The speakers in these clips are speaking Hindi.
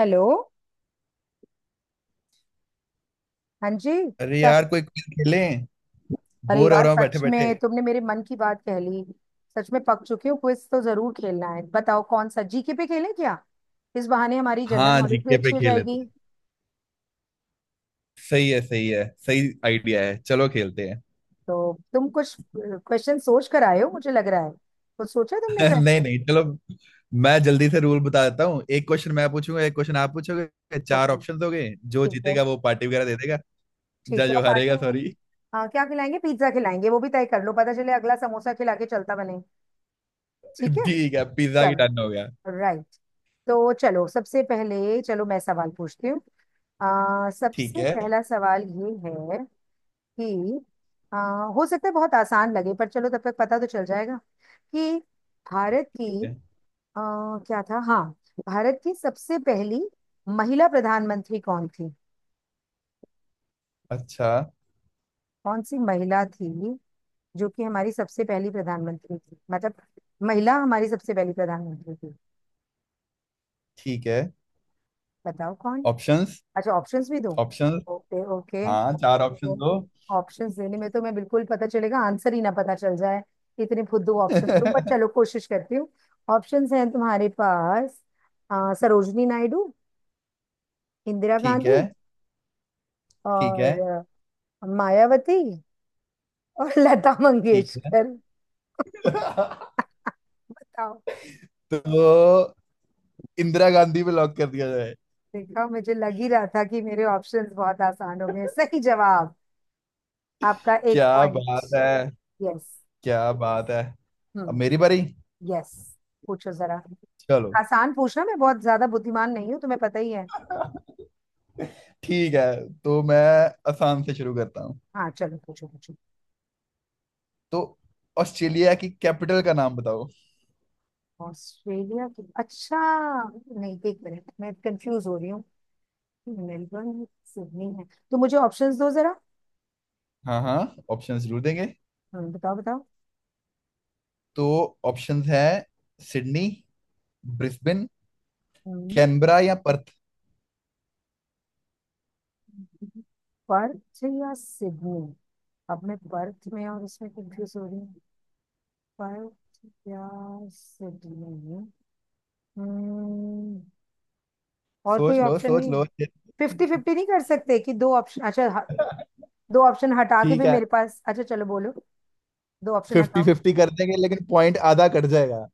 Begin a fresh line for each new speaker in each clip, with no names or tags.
हेलो। हाँ जी,
अरे
क्या?
यार, कोई क्विज खेलें।
अरे
बोर हो
यार,
रहा हूँ बैठे
सच
बैठे।
में तुमने मेरे मन की बात कह ली। सच में पक चुके हो, क्विज तो जरूर खेलना है। बताओ, कौन सा? जीके पे खेलें क्या? इस बहाने हमारी जनरल
हाँ,
नॉलेज भी
जीके पे
अच्छी हो
खेल लेते
जाएगी।
हैं। सही है, सही है, सही आइडिया है, चलो खेलते हैं।
तो तुम कुछ क्वेश्चन सोच कर आए हो, मुझे लग रहा है। कुछ सोचा तुमने ब्रेक
नहीं
पे?
नहीं, चलो। मैं जल्दी से रूल बता देता हूँ। एक क्वेश्चन मैं पूछूंगा, एक क्वेश्चन आप पूछोगे, चार
ओके।
ऑप्शन हो गए। जो
ठीक है।
जीतेगा वो पार्टी वगैरह दे देगा। या
ठीक है, और
जो
पार्टी
हारेगा,
में?
सॉरी।
हाँ, क्या खिलाएंगे? पिज्जा खिलाएंगे? वो भी तय कर लो, पता चले अगला समोसा खिला के चलता बने। ठीक है।
ठीक है, पिज्जा की डन
चलो।
हो गया।
राइट। तो चलो, सबसे पहले चलो मैं सवाल पूछती हूँ।
ठीक
सबसे
है। ठीक
पहला सवाल ये है कि हो सकता है बहुत आसान लगे, पर चलो तब तक पता तो चल जाएगा कि भारत की
है।
आ, क्या था, हाँ, भारत की सबसे पहली महिला प्रधानमंत्री कौन थी?
अच्छा।
कौन सी महिला थी जो कि हमारी सबसे पहली प्रधानमंत्री थी? मतलब, महिला हमारी सबसे पहली प्रधानमंत्री थी।
ठीक है।
बताओ कौन।
ऑप्शंस।
अच्छा, ऑप्शंस भी दो।
ऑप्शंस।
Okay, okay.
हाँ, चार ऑप्शन दो।
ऑप्शंस देने में तो मैं बिल्कुल, पता चलेगा आंसर ही, ना पता चल जाए। इतने फुद्दू ऑप्शन तो, बट चलो कोशिश करती हूँ। ऑप्शंस हैं तुम्हारे पास। सरोजनी नायडू, इंदिरा
ठीक
गांधी,
है। ठीक है।
और मायावती, और लता
ठीक है।
मंगेशकर। बताओ।
तो इंदिरा गांधी पे लॉक कर दिया जाए।
देखा, मुझे लग ही रहा था कि मेरे ऑप्शंस बहुत आसान हो गए। सही जवाब। आपका एक
क्या
पॉइंट।
बात है।
यस।
क्या बात है। अब मेरी
हम्म।
बारी।
यस, पूछो जरा।
चलो।
आसान पूछना, मैं बहुत ज्यादा बुद्धिमान नहीं हूँ, तुम्हें पता ही है।
ठीक है, तो मैं आसान से शुरू करता हूँ।
हाँ, चलो, पूछो पूछो।
तो ऑस्ट्रेलिया की कैपिटल का नाम बताओ।
ऑस्ट्रेलिया की? अच्छा। नहीं, एक मिनट, मैं कंफ्यूज हो रही हूँ। मेलबर्न है, सिडनी है। तो मुझे ऑप्शंस दो जरा।
हाँ हाँ, ऑप्शंस जरूर देंगे।
बताओ बताओ।
तो ऑप्शंस है सिडनी, ब्रिस्बेन,
हम्म,
कैनबरा या पर्थ।
पर्थ या सिडनी। अब मैं पर्थ में और इसमें कंफ्यूज हो रही हूँ। पर्थ या सिडनी। हम्म। और कोई
सोच लो
ऑप्शन
सोच
नहीं है?
लो।
फिफ्टी फिफ्टी नहीं कर सकते कि दो ऑप्शन? अच्छा, दो ऑप्शन हटा के
ठीक
भी
है,
मेरे पास अच्छा, चलो बोलो। दो ऑप्शन
फिफ्टी
हटाओ।
फिफ्टी कर देंगे लेकिन पॉइंट आधा कट जाएगा।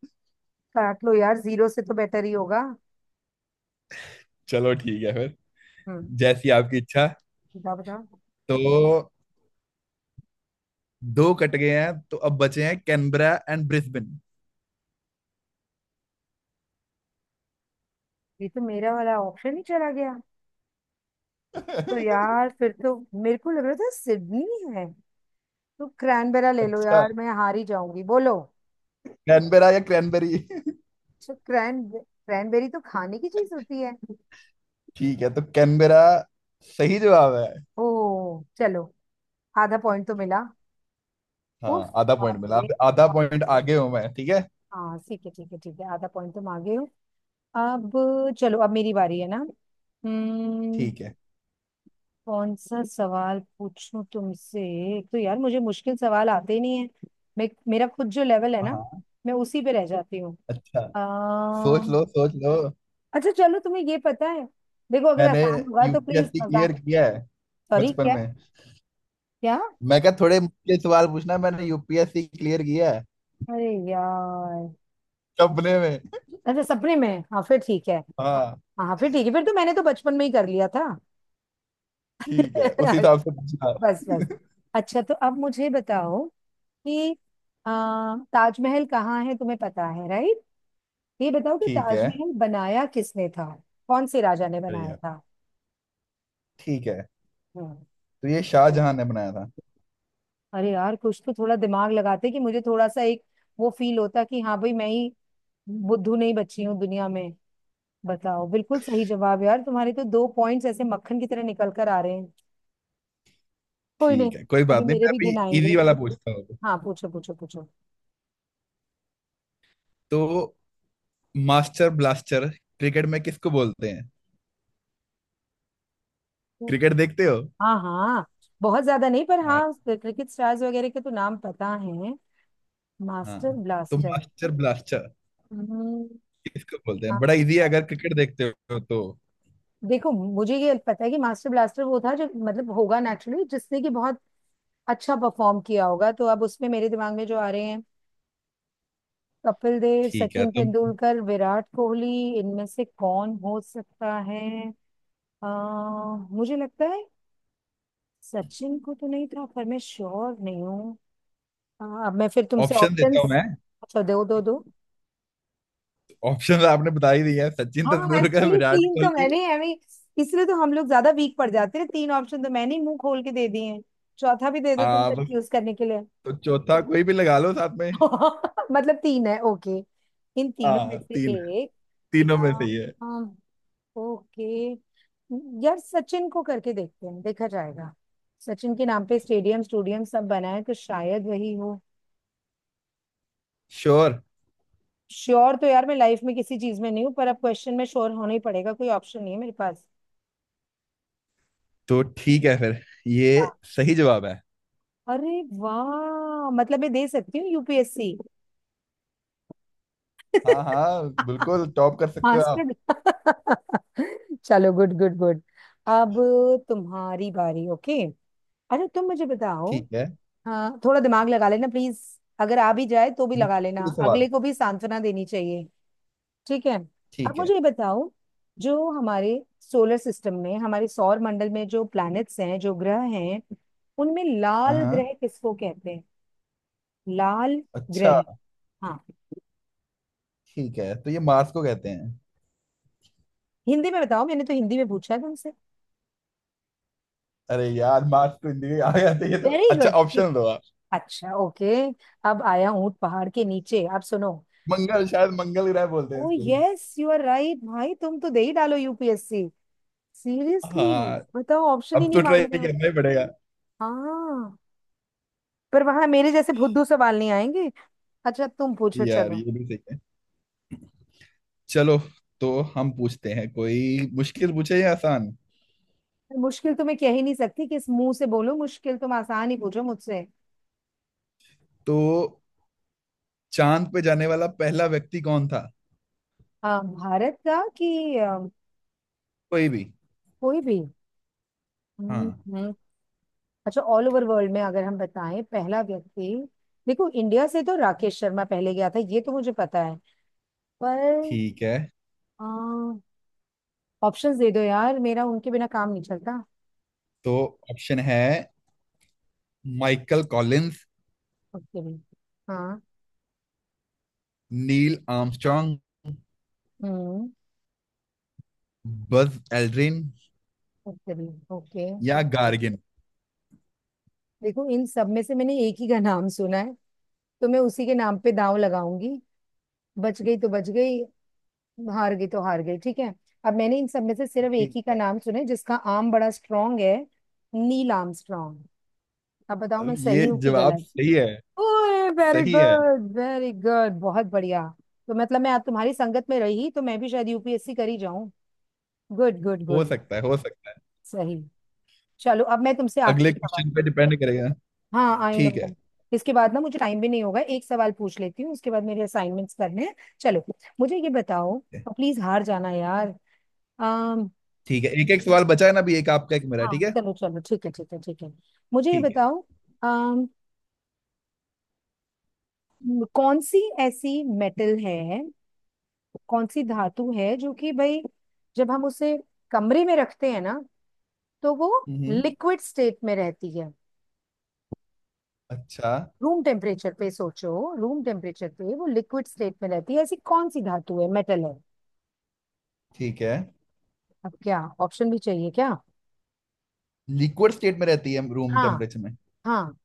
काट लो यार, जीरो से तो बेटर ही होगा।
चलो ठीक है फिर।
हम्म।
जैसी आपकी इच्छा।
बताओ बताओ।
तो दो कट गए हैं, तो अब बचे हैं कैनबरा एंड ब्रिस्बेन।
ये तो मेरा वाला ऑप्शन ही चला गया। तो यार, फिर तो मेरे को लग रहा था सिडनी है। तो क्रैनबेरा ले लो
अच्छा,
यार, मैं हार ही जाऊंगी, बोलो।
कैनबेरा या क्रैनबेरी।
अच्छा, क्रैनबेरी तो खाने की चीज होती है।
ठीक है, तो कैनबेरा सही जवाब है।
ओ, चलो, आधा पॉइंट तो मिला। उफ,
हाँ, आधा पॉइंट
बाप
मिला।
रे।
अब आधा पॉइंट आगे हूं मैं। ठीक है।
हाँ, ठीक है, ठीक है, ठीक है, आधा पॉइंट तुम आ गए हो। अब, चलो, अब मेरी बारी है ना। हम्म।
ठीक है।
कौन सा सवाल पूछूं तुमसे? एक तो यार, मुझे मुश्किल सवाल आते ही नहीं है। मैं, मेरा खुद जो लेवल है ना,
हाँ।
मैं उसी पे रह जाती हूँ।
अच्छा। सोच
अम्म,
लो सोच लो।
अच्छा चलो, तुम्हें ये पता है? देखो, अगर
मैंने
आसान होगा तो प्लीज,
यूपीएससी
मजाक।
क्लियर किया है
सॉरी,
बचपन
क्या?
में।
क्या?
मैं क्या थोड़े मुश्किल सवाल पूछना, मैंने यूपीएससी क्लियर किया है
अरे यार।
सपने में।
अच्छा, सपने में। हाँ, फिर ठीक है।
हाँ।
हाँ, फिर ठीक है, फिर तो मैंने तो बचपन में ही कर लिया था।
ठीक है, उसी हिसाब से पूछना।
बस, बस। अच्छा, तो अब मुझे बताओ कि अ, ताजमहल कहाँ है, तुम्हें पता है, राइट? ये बताओ कि
ठीक है।
ताजमहल बनाया किसने था? कौन से राजा ने
अरे
बनाया
यार।
था?
ठीक है,
हम्म।
तो ये शाहजहां ने बनाया था।
अरे यार, कुछ तो थोड़ा दिमाग लगाते कि मुझे थोड़ा सा एक वो फील होता कि हाँ भाई, मैं ही बुद्धू नहीं बची हूँ दुनिया में। बताओ, बिल्कुल सही जवाब। यार, तुम्हारे तो दो पॉइंट्स ऐसे मक्खन की तरह निकल कर आ रहे हैं। कोई नहीं,
ठीक है, कोई
अभी
बात नहीं।
मेरे
मैं
भी
अभी
दिन आएंगे।
इजी वाला पूछता हूँ।
हाँ, पूछो पूछो पूछो।
तो मास्टर ब्लास्टर क्रिकेट में किसको बोलते हैं? क्रिकेट देखते हो?
हाँ, हाँ। बहुत ज्यादा नहीं, पर
हाँ
हाँ, क्रिकेट स्टार्स वगैरह के तो नाम पता है।
हाँ।
मास्टर
तो मास्टर ब्लास्टर
ब्लास्टर।
किसको बोलते हैं? बड़ा इजी है अगर क्रिकेट देखते हो तो।
देखो, मुझे ये पता है कि मास्टर ब्लास्टर वो था जो, मतलब होगा नेचुरली जिसने कि बहुत अच्छा परफॉर्म किया होगा, तो अब उसमें मेरे दिमाग में जो आ रहे हैं, कपिल देव,
ठीक है,
सचिन
तो
तेंदुलकर, विराट कोहली। इनमें से कौन हो सकता है? अ, मुझे लगता है सचिन को तो नहीं था, पर मैं श्योर नहीं हूँ। अब मैं फिर तुमसे
ऑप्शन देता हूँ
ऑप्शंस।
मैं।
अच्छा, दो दो दो।
ऑप्शन आपने बता ही दिया है, सचिन
हाँ,
तेंदुलकर,
एक्चुअली
विराट
तीन तो
कोहली।
मैंने, हमें इसलिए तो हम लोग ज्यादा वीक पड़ जाते हैं, तीन ऑप्शन तो मैंने ही मुंह खोल के दे दिए हैं। चौथा भी दे दो तुम
हाँ बस।
कंफ्यूज करने के लिए।
तो चौथा कोई भी लगा लो साथ में।
मतलब तीन है, ओके। इन तीनों में
हाँ,
से
तीन है।
एक।
तीनों में सही है।
अम, ओके। यार सचिन को करके देखते हैं, देखा जाएगा। सचिन के नाम पे स्टेडियम, स्टूडियम सब बना है, तो शायद वही हो।
श्योर।
श्योर? तो यार, मैं लाइफ में किसी चीज में नहीं हूँ, पर अब क्वेश्चन में श्योर होना ही पड़ेगा, कोई ऑप्शन नहीं है मेरे पास।
तो ठीक है फिर, ये
हाँ।
सही जवाब है।
अरे वाह, मतलब मैं दे सकती हूँ यूपीएससी।
हाँ हाँ, बिल्कुल टॉप कर सकते हो आप।
हॉस्पिटल। चलो, गुड गुड गुड। अब तुम्हारी बारी। ओके, अच्छा, तुम मुझे बताओ।
ठीक है।
हाँ, थोड़ा दिमाग लगा लेना प्लीज। अगर आ भी जाए तो भी लगा लेना,
मुश्किल सवाल।
अगले को भी सांत्वना देनी चाहिए। ठीक है। अब
ठीक है।
मुझे ये बताओ, जो हमारे सोलर सिस्टम में, हमारे सौर मंडल में जो प्लैनेट्स हैं, जो ग्रह हैं, उनमें
हाँ।
लाल
हाँ।
ग्रह किसको कहते हैं? लाल ग्रह,
अच्छा।
हाँ।
ठीक है, तो ये मार्स को कहते हैं।
हिंदी में बताओ, मैंने तो हिंदी में पूछा है तुमसे।
अरे यार, मार्स तो इंडिया आ गया था ये तो।
वेरी
अच्छा,
गुड।
ऑप्शन दो आप।
अच्छा, ओके। अब आया ऊंट पहाड़ के नीचे, अब सुनो।
मंगल, शायद मंगल ग्रह बोलते हैं
ओ
इसको।
Yes, you are right. भाई, तुम तो दे ही डालो यूपीएससी, सीरियसली।
हाँ,
बताओ, ऑप्शन ही
अब
नहीं
तो
मांग
ट्राई
रहे हो।
करना ही पड़ेगा।
हाँ, पर वहां मेरे जैसे भुद्धू सवाल नहीं आएंगे। अच्छा, तुम पूछो
यार,
चलो।
ये भी सही है। चलो, तो हम पूछते हैं, कोई मुश्किल पूछे या आसान।
मुश्किल तो मैं कह ही नहीं सकती किस मुंह से, बोलो मुश्किल, तुम आसान ही पूछो मुझसे।
तो चांद पे जाने वाला पहला व्यक्ति कौन था?
भारत का, कि
कोई भी।
कोई भी?
हाँ।
हम्म। हम्म। अच्छा, ऑल ओवर वर्ल्ड में अगर हम बताएं पहला व्यक्ति। देखो, इंडिया से तो राकेश शर्मा पहले गया था, ये तो मुझे पता है, पर
ठीक है,
ऑप्शंस दे दो यार, मेरा उनके बिना काम नहीं चलता।
तो ऑप्शन है माइकल कॉलिंस,
उसके भी, हाँ।
नील आर्मस्ट्रांग,
हम्म।
बस एल्ड्रिन
उसके भी, ओके।
या गार्गिन।
देखो, इन सब में से मैंने एक ही का नाम सुना है, तो मैं उसी के नाम पे दांव लगाऊंगी। बच गई तो बच गई, हार गई तो हार गई, ठीक है। अब मैंने इन सब में से सिर्फ एक ही का नाम सुना है जिसका आर्म बड़ा स्ट्रांग है, नील आर्मस्ट्रांग। अब बताओ, मैं
अब
सही
ये
हूँ कि
जवाब
गलत?
सही है।
ओए, वेरी
सही है।
गुड, वेरी गुड, बहुत बढ़िया। तो मतलब, मैं अब तुम्हारी संगत में रही तो मैं भी शायद यूपीएससी कर ही जाऊं। गुड गुड
हो
गुड।
सकता है, हो सकता है।
सही। चलो, अब मैं तुमसे
अगले
आखिरी सवाल।
क्वेश्चन पे डिपेंड करेगा।
हाँ, आई
ठीक है।
नो। इसके बाद ना मुझे टाइम भी नहीं होगा, एक सवाल पूछ लेती हूँ, उसके बाद मेरे असाइनमेंट्स करने हैं। चलो, मुझे ये बताओ। प्लीज, हार जाना यार। अम
ठीक है, एक एक सवाल बचा है ना अभी, एक आपका एक मेरा।
हाँ,
ठीक है।
चलो चलो, ठीक है, ठीक है, ठीक है। मुझे ये
ठीक है।
बताओ, अम कौन सी ऐसी मेटल है, कौन सी धातु है, जो कि भाई, जब हम उसे कमरे में रखते हैं ना, तो वो
हम्म।
लिक्विड स्टेट में रहती है।
अच्छा।
रूम टेम्परेचर पे सोचो, रूम टेम्परेचर पे वो लिक्विड स्टेट में रहती है, ऐसी कौन सी धातु है, मेटल है?
ठीक है।
अब क्या ऑप्शन भी चाहिए क्या?
लिक्विड स्टेट में रहती है रूम
हाँ,
टेम्परेचर में?
हाँ।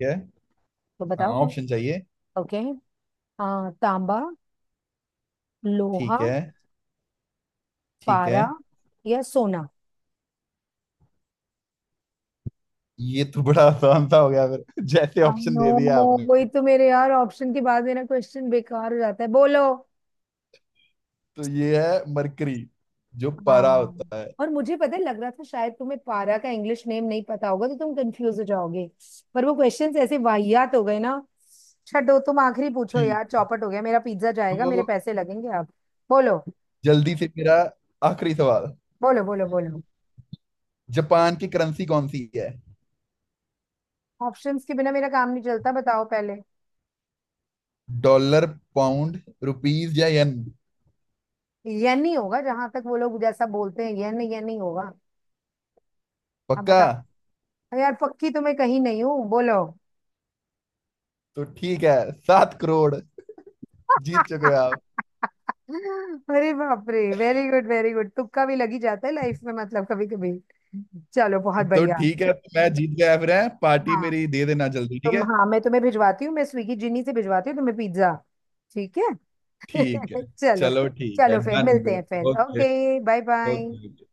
ठीक है।
तो
हाँ,
बताओ कौन।
ऑप्शन चाहिए।
ओके, तांबा, लोहा,
ठीक है। ठीक है।
पारा, या सोना।
ये तो बड़ा आसान सा हो गया फिर। जैसे ऑप्शन
नो,
दे दिया आपने।
वही तो, मेरे यार ऑप्शन के बाद मेरा क्वेश्चन बेकार हो जाता है, बोलो।
तो ये है मरकरी, जो पारा
हाँ,
होता है।
और मुझे पता है, लग रहा था शायद तुम्हें पारा का इंग्लिश नेम नहीं पता होगा, तो तुम कंफ्यूज हो जाओगे। पर वो क्वेश्चंस ऐसे वाहियात हो गए ना, छठो तुम आखिरी पूछो यार,
ठीक।
चौपट हो गया, मेरा पिज्जा जाएगा, मेरे
तो
पैसे लगेंगे अब। बोलो
जल्दी से मेरा आखिरी सवाल।
बोलो बोलो। बोलो।
जापान की करेंसी कौन सी है?
ऑप्शंस के बिना मेरा काम नहीं चलता, बताओ पहले।
डॉलर, पाउंड, रुपीज या येन?
ये नहीं होगा जहां तक वो लोग जैसा बोलते हैं, ये नहीं, ये नहीं होगा। अब
पक्का।
बताओ। अरे यार, पक्की तुम्हें कहीं नहीं हूँ, बोलो।
तो ठीक है, 7 करोड़ जीत चुके हो आप।
अरे बाप रे, वेरी गुड, वेरी गुड, तुक्का भी लगी जाता है लाइफ में, मतलब कभी कभी। चलो, बहुत
तो
बढ़िया।
ठीक है, तो मैं जीत गया फिर है। पार्टी
हाँ।
मेरी दे देना जल्दी, ठीक
तुम,
है?
हाँ, मैं तुम्हें भिजवाती हूँ, मैं स्विगी जिनी से भिजवाती हूँ तुम्हें पिज्जा। ठीक है।
ठीक है।
चलो।
चलो, ठीक है,
चलो फिर
डन
मिलते
फिर।
हैं फिर।
Okay.
Okay, bye bye.
Okay.